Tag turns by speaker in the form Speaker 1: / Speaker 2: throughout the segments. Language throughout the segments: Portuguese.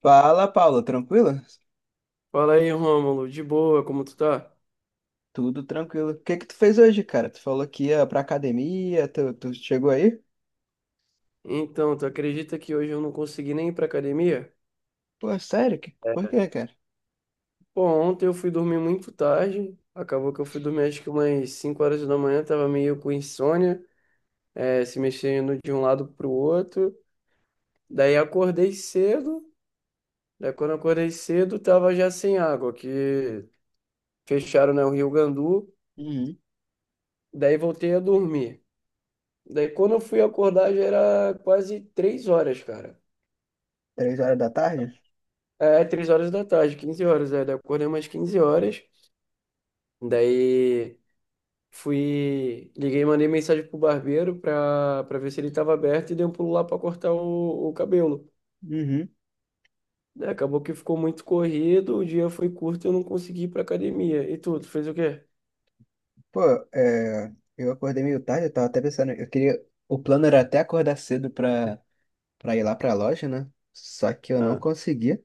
Speaker 1: Fala, Paulo, tranquilo?
Speaker 2: Fala aí, Rômulo, de boa, como tu tá?
Speaker 1: Tudo tranquilo. O que que tu fez hoje, cara? Tu falou que ia pra academia, tu chegou aí?
Speaker 2: Então, tu acredita que hoje eu não consegui nem ir pra academia?
Speaker 1: Pô, sério? Por quê,
Speaker 2: É.
Speaker 1: cara?
Speaker 2: Pô, ontem eu fui dormir muito tarde, acabou que eu fui dormir acho que umas 5 horas da manhã, tava meio com insônia, se mexendo de um lado pro outro. Daí acordei cedo, daí quando eu acordei cedo tava já sem água, que fecharam, né, o Rio Gandu,
Speaker 1: Uhum.
Speaker 2: daí voltei a dormir. Daí quando eu fui acordar já era quase 3 horas, cara.
Speaker 1: 3 horas da tarde?
Speaker 2: É, três horas da tarde, 15 horas, é. Daí eu acordei umas 15 horas. Daí fui, liguei, mandei mensagem pro barbeiro pra ver se ele tava aberto e dei um pulo lá pra cortar o cabelo.
Speaker 1: Uhum.
Speaker 2: Né, acabou que ficou muito corrido, o dia foi curto e eu não consegui ir pra academia. E tu fez o quê?
Speaker 1: Pô, é, eu acordei meio tarde, eu tava até pensando, eu queria, o plano era até acordar cedo pra ir lá pra loja, né? Só que eu não
Speaker 2: Ah,
Speaker 1: consegui.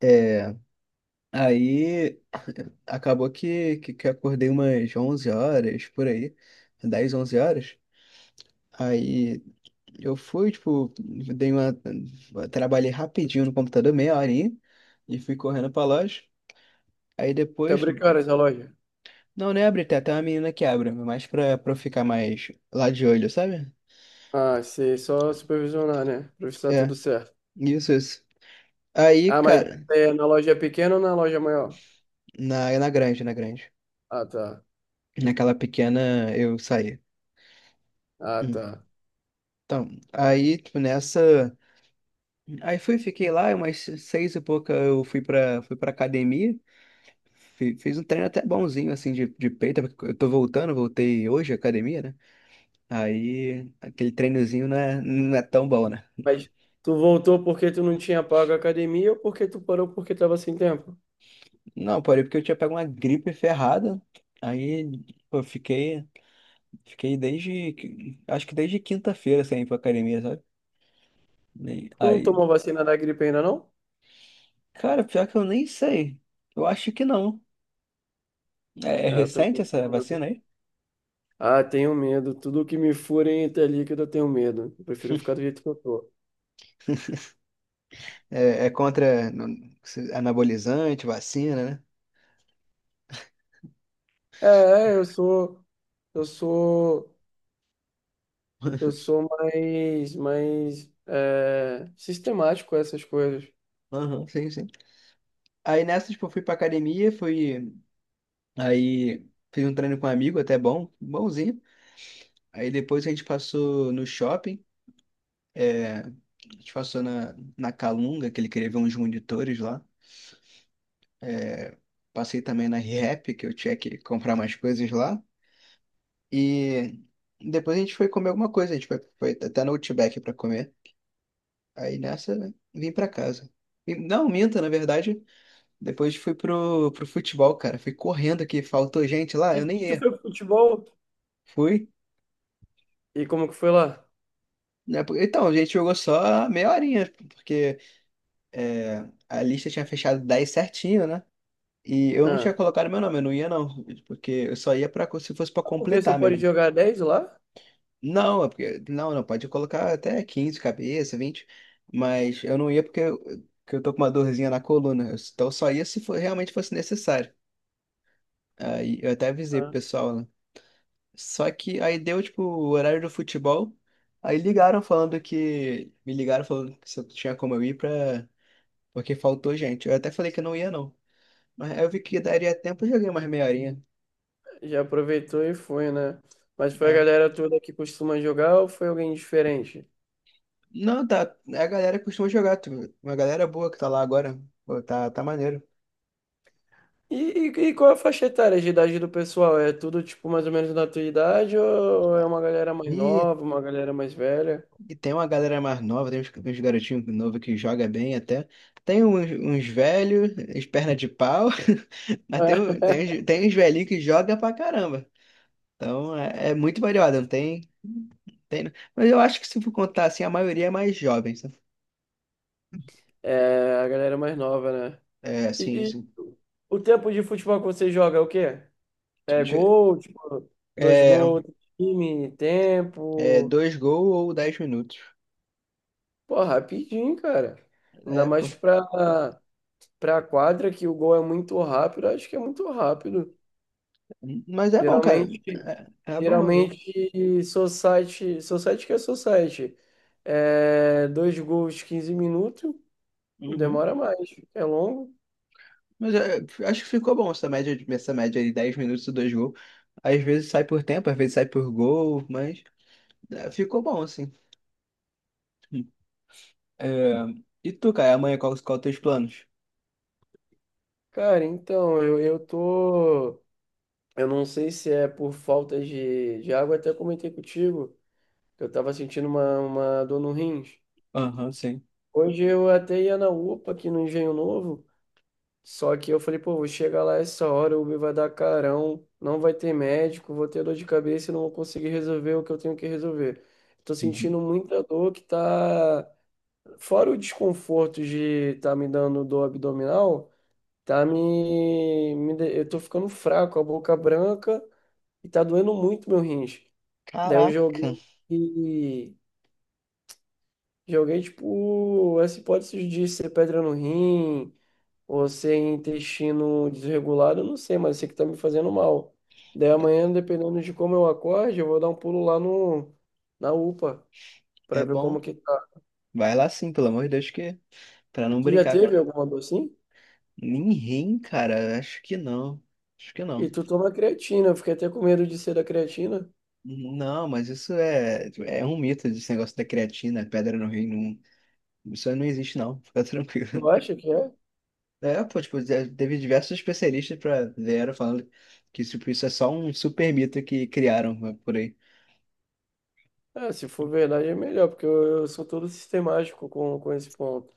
Speaker 1: É, aí acabou que eu acordei umas 11 horas, por aí. 10, 11 horas. Aí eu fui, tipo, dei uma. Trabalhei rapidinho no computador, meia horinha, e fui correndo pra loja. Aí
Speaker 2: até
Speaker 1: depois.
Speaker 2: abrir que horas a loja?
Speaker 1: Não, não é abrir, tem até uma menina que abre, mas pra eu ficar mais lá de olho, sabe?
Speaker 2: Ah, sei, só supervisionar, né? Pra ver se tá
Speaker 1: É,
Speaker 2: tudo certo.
Speaker 1: isso, isso. Aí,
Speaker 2: Ah, mas
Speaker 1: cara,
Speaker 2: é na loja pequena ou na loja maior?
Speaker 1: na grande, na grande.
Speaker 2: Ah, tá.
Speaker 1: Naquela pequena eu saí.
Speaker 2: Ah,
Speaker 1: Hum.
Speaker 2: tá.
Speaker 1: Então, aí, tipo, nessa. Aí fui, fiquei lá, umas seis e pouca eu fui pra academia. Fiz um treino até bonzinho, assim, de peito, porque eu tô voltando, voltei hoje à academia, né? Aí, aquele treinozinho não é tão bom, né?
Speaker 2: Mas tu voltou porque tu não tinha pago a academia ou porque tu parou porque tava sem tempo?
Speaker 1: Não, porém, porque eu tinha pego uma gripe ferrada, aí eu fiquei, acho que desde quinta-feira sem ir pra academia, sabe?
Speaker 2: Tu não
Speaker 1: Aí,
Speaker 2: tomou vacina da gripe ainda, não?
Speaker 1: cara, pior que eu nem sei, eu acho que não. É, é
Speaker 2: É, eu também não
Speaker 1: recente essa
Speaker 2: tomo,
Speaker 1: vacina
Speaker 2: não.
Speaker 1: aí?
Speaker 2: Ah, tenho medo. Tudo que me furem até líquido, eu tenho medo. Eu prefiro ficar do jeito que eu tô.
Speaker 1: É contra anabolizante, vacina, né?
Speaker 2: Eu sou, eu sou, eu sou mais sistemático com essas coisas.
Speaker 1: Aham, sim, sim. Aí nessa, tipo, eu fui pra academia, fui. Aí fiz um treino com um amigo, até bom, bonzinho. Aí depois a gente passou no shopping, a gente passou na Calunga, que ele queria ver uns monitores lá. Passei também na Rehap, que eu tinha que comprar mais coisas lá. E depois a gente foi comer alguma coisa, a gente foi, até no Outback pra comer. Aí nessa, né, vim pra casa. Não, minta, na verdade. Depois fui pro futebol, cara. Fui correndo aqui, faltou gente lá, eu nem
Speaker 2: E tu
Speaker 1: ia.
Speaker 2: foi pro futebol?
Speaker 1: Fui,
Speaker 2: E como que foi lá?
Speaker 1: né? Então, a gente jogou só meia horinha, porque a lista tinha fechado 10 certinho, né? E eu não
Speaker 2: Ah,
Speaker 1: tinha colocado meu nome, eu não ia não, porque eu só ia se fosse pra
Speaker 2: porque só
Speaker 1: completar
Speaker 2: pode
Speaker 1: mesmo.
Speaker 2: jogar 10 lá?
Speaker 1: Não, é porque, não, não, pode colocar até 15 cabeça, 20, mas eu não ia porque eu tô com uma dorzinha na coluna, então eu só ia se for, realmente fosse necessário. Aí eu até avisei pro
Speaker 2: Ah.
Speaker 1: pessoal, né? Só que aí deu, tipo, o horário do futebol, aí ligaram me ligaram falando que se eu tinha como eu ir pra. Porque faltou gente. Eu até falei que não ia, não. Mas aí eu vi que daria tempo, eu joguei mais meia horinha.
Speaker 2: Já aproveitou e foi, né? Mas foi a
Speaker 1: É.
Speaker 2: galera toda que costuma jogar ou foi alguém diferente?
Speaker 1: Não, tá. É a galera costuma jogar. Uma galera boa que tá lá agora. Pô, tá maneiro.
Speaker 2: E, e qual é a faixa etária de idade do pessoal? É tudo, tipo, mais ou menos da tua idade ou é uma galera mais
Speaker 1: E,
Speaker 2: nova, uma galera mais velha?
Speaker 1: e tem uma galera mais nova, tem uns garotinhos novos que joga bem até. Tem uns velhos, uns perna de pau. Mas tem, um- tem, uns- tem uns velhinhos que joga pra caramba. Então é muito variado, não tem, tem. Mas eu acho que se for contar assim, a maioria é mais jovem, sabe?
Speaker 2: É, a galera mais nova, né?
Speaker 1: É, assim,
Speaker 2: E
Speaker 1: assim,
Speaker 2: o tempo de futebol que você joga é o quê? É
Speaker 1: tu-
Speaker 2: gol, tipo, dois
Speaker 1: é.
Speaker 2: gols, time,
Speaker 1: É,
Speaker 2: tempo.
Speaker 1: dois gols ou 10 minutos.
Speaker 2: Pô, rapidinho, cara. Ainda
Speaker 1: É,
Speaker 2: mais
Speaker 1: pô.
Speaker 2: pra, para a quadra, que o gol é muito rápido, acho que é muito rápido.
Speaker 1: Mas é bom, cara.
Speaker 2: Geralmente,
Speaker 1: É bom, é bom.
Speaker 2: geralmente society, society que é society. É, dois gols, 15 minutos e
Speaker 1: Uhum.
Speaker 2: demora mais. É longo.
Speaker 1: Mas acho que ficou bom essa média, essa média de 10 minutos e dois gols. Às vezes sai por tempo, às vezes sai por gol, mas ficou bom, assim. É, e tu, cara, amanhã qual os teus planos?
Speaker 2: Cara, então, eu tô. Eu não sei se é por falta de água, até comentei contigo que eu tava sentindo uma dor no rins.
Speaker 1: Aham, sim.
Speaker 2: Hoje eu até ia na UPA aqui no Engenho Novo. Só que eu falei, pô, vou chegar lá essa hora, o Uber vai dar carão, não vai ter médico, vou ter dor de cabeça e não vou conseguir resolver o que eu tenho que resolver. Tô
Speaker 1: Uhum.
Speaker 2: sentindo muita dor que tá. Fora o desconforto de tá me dando dor abdominal, eu tô ficando fraco, a boca branca e tá doendo muito meu rins. Daí eu
Speaker 1: Caraca,
Speaker 2: joguei. Joguei, tipo, essa hipótese de ser pedra no rim ou sem intestino desregulado, eu não sei, mas eu sei que tá me fazendo mal. Daí
Speaker 1: é
Speaker 2: amanhã, dependendo de como eu acorde, eu vou dar um pulo lá no, na UPA pra
Speaker 1: é
Speaker 2: ver como
Speaker 1: bom.
Speaker 2: que tá.
Speaker 1: Vai lá sim, pelo amor de Deus, que pra não
Speaker 2: Tu já
Speaker 1: brincar.
Speaker 2: teve alguma dor assim?
Speaker 1: Ninguém, cara, acho que não. Acho que
Speaker 2: E
Speaker 1: não.
Speaker 2: tu toma creatina, eu fiquei até com medo de ser da creatina.
Speaker 1: Não, mas isso é um mito, desse negócio da creatina, pedra no rim, não, isso aí não existe não, fica tranquilo.
Speaker 2: Tu acha que é?
Speaker 1: É, pô, tipo, já teve diversos especialistas pra vieram falando que tipo, isso é só um super mito que criaram né, por aí.
Speaker 2: É, se for verdade é melhor, porque eu sou todo sistemático com esse ponto.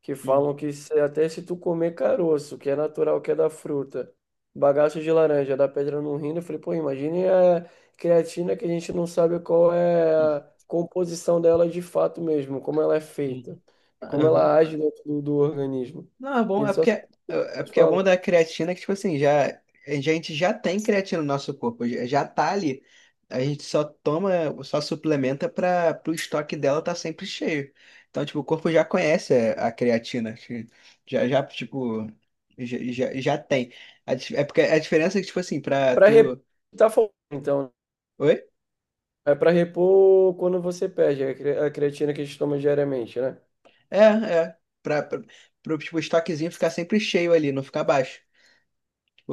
Speaker 2: Que
Speaker 1: Uhum.
Speaker 2: falam que se- até se tu comer caroço, que é natural, que é da fruta, bagaço de laranja, dá pedra no rim, eu falei, pô, imagine a creatina que a gente não sabe qual é a composição dela de fato mesmo, como ela é
Speaker 1: Uhum.
Speaker 2: feita, e como ela age dentro do organismo.
Speaker 1: Não, é
Speaker 2: A
Speaker 1: bom, é
Speaker 2: gente só
Speaker 1: porque é,
Speaker 2: sabe o que eles
Speaker 1: bom
Speaker 2: falam.
Speaker 1: da creatina que, tipo assim, já, a gente já tem creatina no nosso corpo, já tá ali. A gente só toma, só suplementa para o estoque dela tá sempre cheio. Então, tipo, o corpo já conhece a creatina, que já, já, tipo, já, já, já tem. É porque a diferença é que, tipo assim,
Speaker 2: É
Speaker 1: pra
Speaker 2: para repor,
Speaker 1: tu.
Speaker 2: tá faltando, então, né?
Speaker 1: Oi?
Speaker 2: É para repor quando você perde a cre- a creatina que a gente toma diariamente, né?
Speaker 1: É, é. Pro, tipo, estoquezinho ficar sempre cheio ali, não ficar baixo.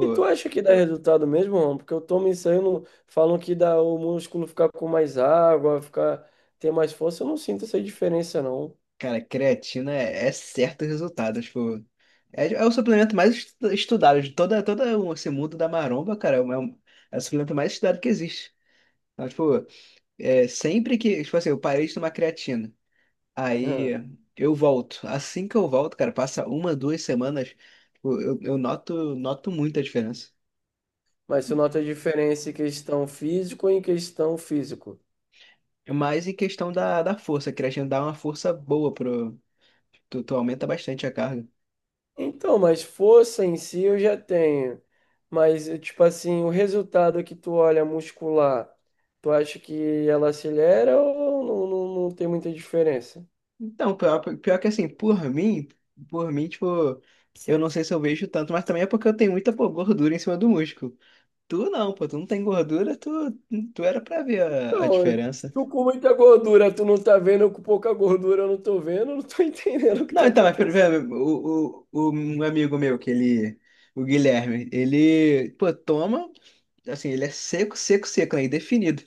Speaker 2: E tu acha que dá resultado mesmo, Ron? Porque eu tomo isso aí, eu não falam que dá o músculo ficar com mais água, ficar ter mais força, eu não sinto essa diferença não.
Speaker 1: Cara, creatina é certo o resultado. Tipo, é o suplemento mais estudado de toda, todo esse mundo da maromba, cara. É o suplemento mais estudado que existe. Então, tipo, sempre que, tipo assim, eu parei de tomar creatina, aí
Speaker 2: Hã.
Speaker 1: eu volto. Assim que eu volto, cara, passa uma, 2 semanas, tipo, eu noto, noto muita diferença.
Speaker 2: Mas tu nota a diferença em questão físico e em questão físico.
Speaker 1: Mas em questão da força, a creatina dá uma força boa pro. Tu aumenta bastante a carga.
Speaker 2: Então, mas força em si eu já tenho. Mas, tipo assim, o resultado que tu olha muscular, tu acha que ela acelera ou não, não tem muita diferença?
Speaker 1: Então, pior, pior que assim, por mim, tipo, eu não sei se eu vejo tanto, mas também é porque eu tenho muita, pô, gordura em cima do músculo. Tu não, pô, tu não tem gordura, tu era pra ver a,
Speaker 2: Não,
Speaker 1: diferença.
Speaker 2: tu com muita gordura, tu não tá vendo, eu com pouca gordura, eu não tô vendo, eu não tô entendendo o que
Speaker 1: Não,
Speaker 2: tá
Speaker 1: então, mas por
Speaker 2: acontecendo.
Speaker 1: exemplo, o um amigo meu, que ele, o Guilherme, ele, pô, toma, assim, ele é seco, seco, seco, né, indefinido.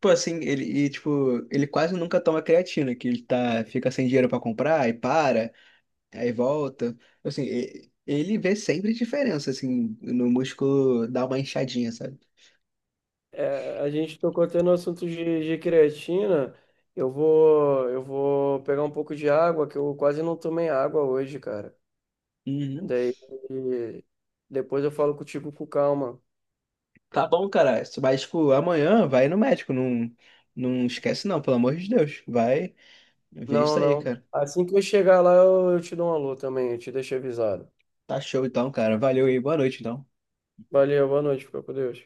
Speaker 1: Pô, assim, ele, e, tipo, ele quase nunca toma creatina, que ele tá, fica sem dinheiro pra comprar e para. Aí volta. Assim, ele vê sempre diferença, assim, no músculo dá uma inchadinha, sabe?
Speaker 2: É, a gente tocou até no assunto de creatina. Eu vou pegar um pouco de água, que eu quase não tomei água hoje, cara.
Speaker 1: Uhum.
Speaker 2: Daí depois eu falo contigo com calma.
Speaker 1: Tá bom, cara. Mas, tipo, amanhã vai no médico. Não, não esquece, não, pelo amor de Deus. Vai ver
Speaker 2: Não,
Speaker 1: isso aí,
Speaker 2: não.
Speaker 1: cara.
Speaker 2: Assim que eu chegar lá, eu te dou um alô também, eu te deixo avisado.
Speaker 1: Tá show então, cara. Valeu aí. Boa noite, então.
Speaker 2: Valeu, boa noite, fica com Deus.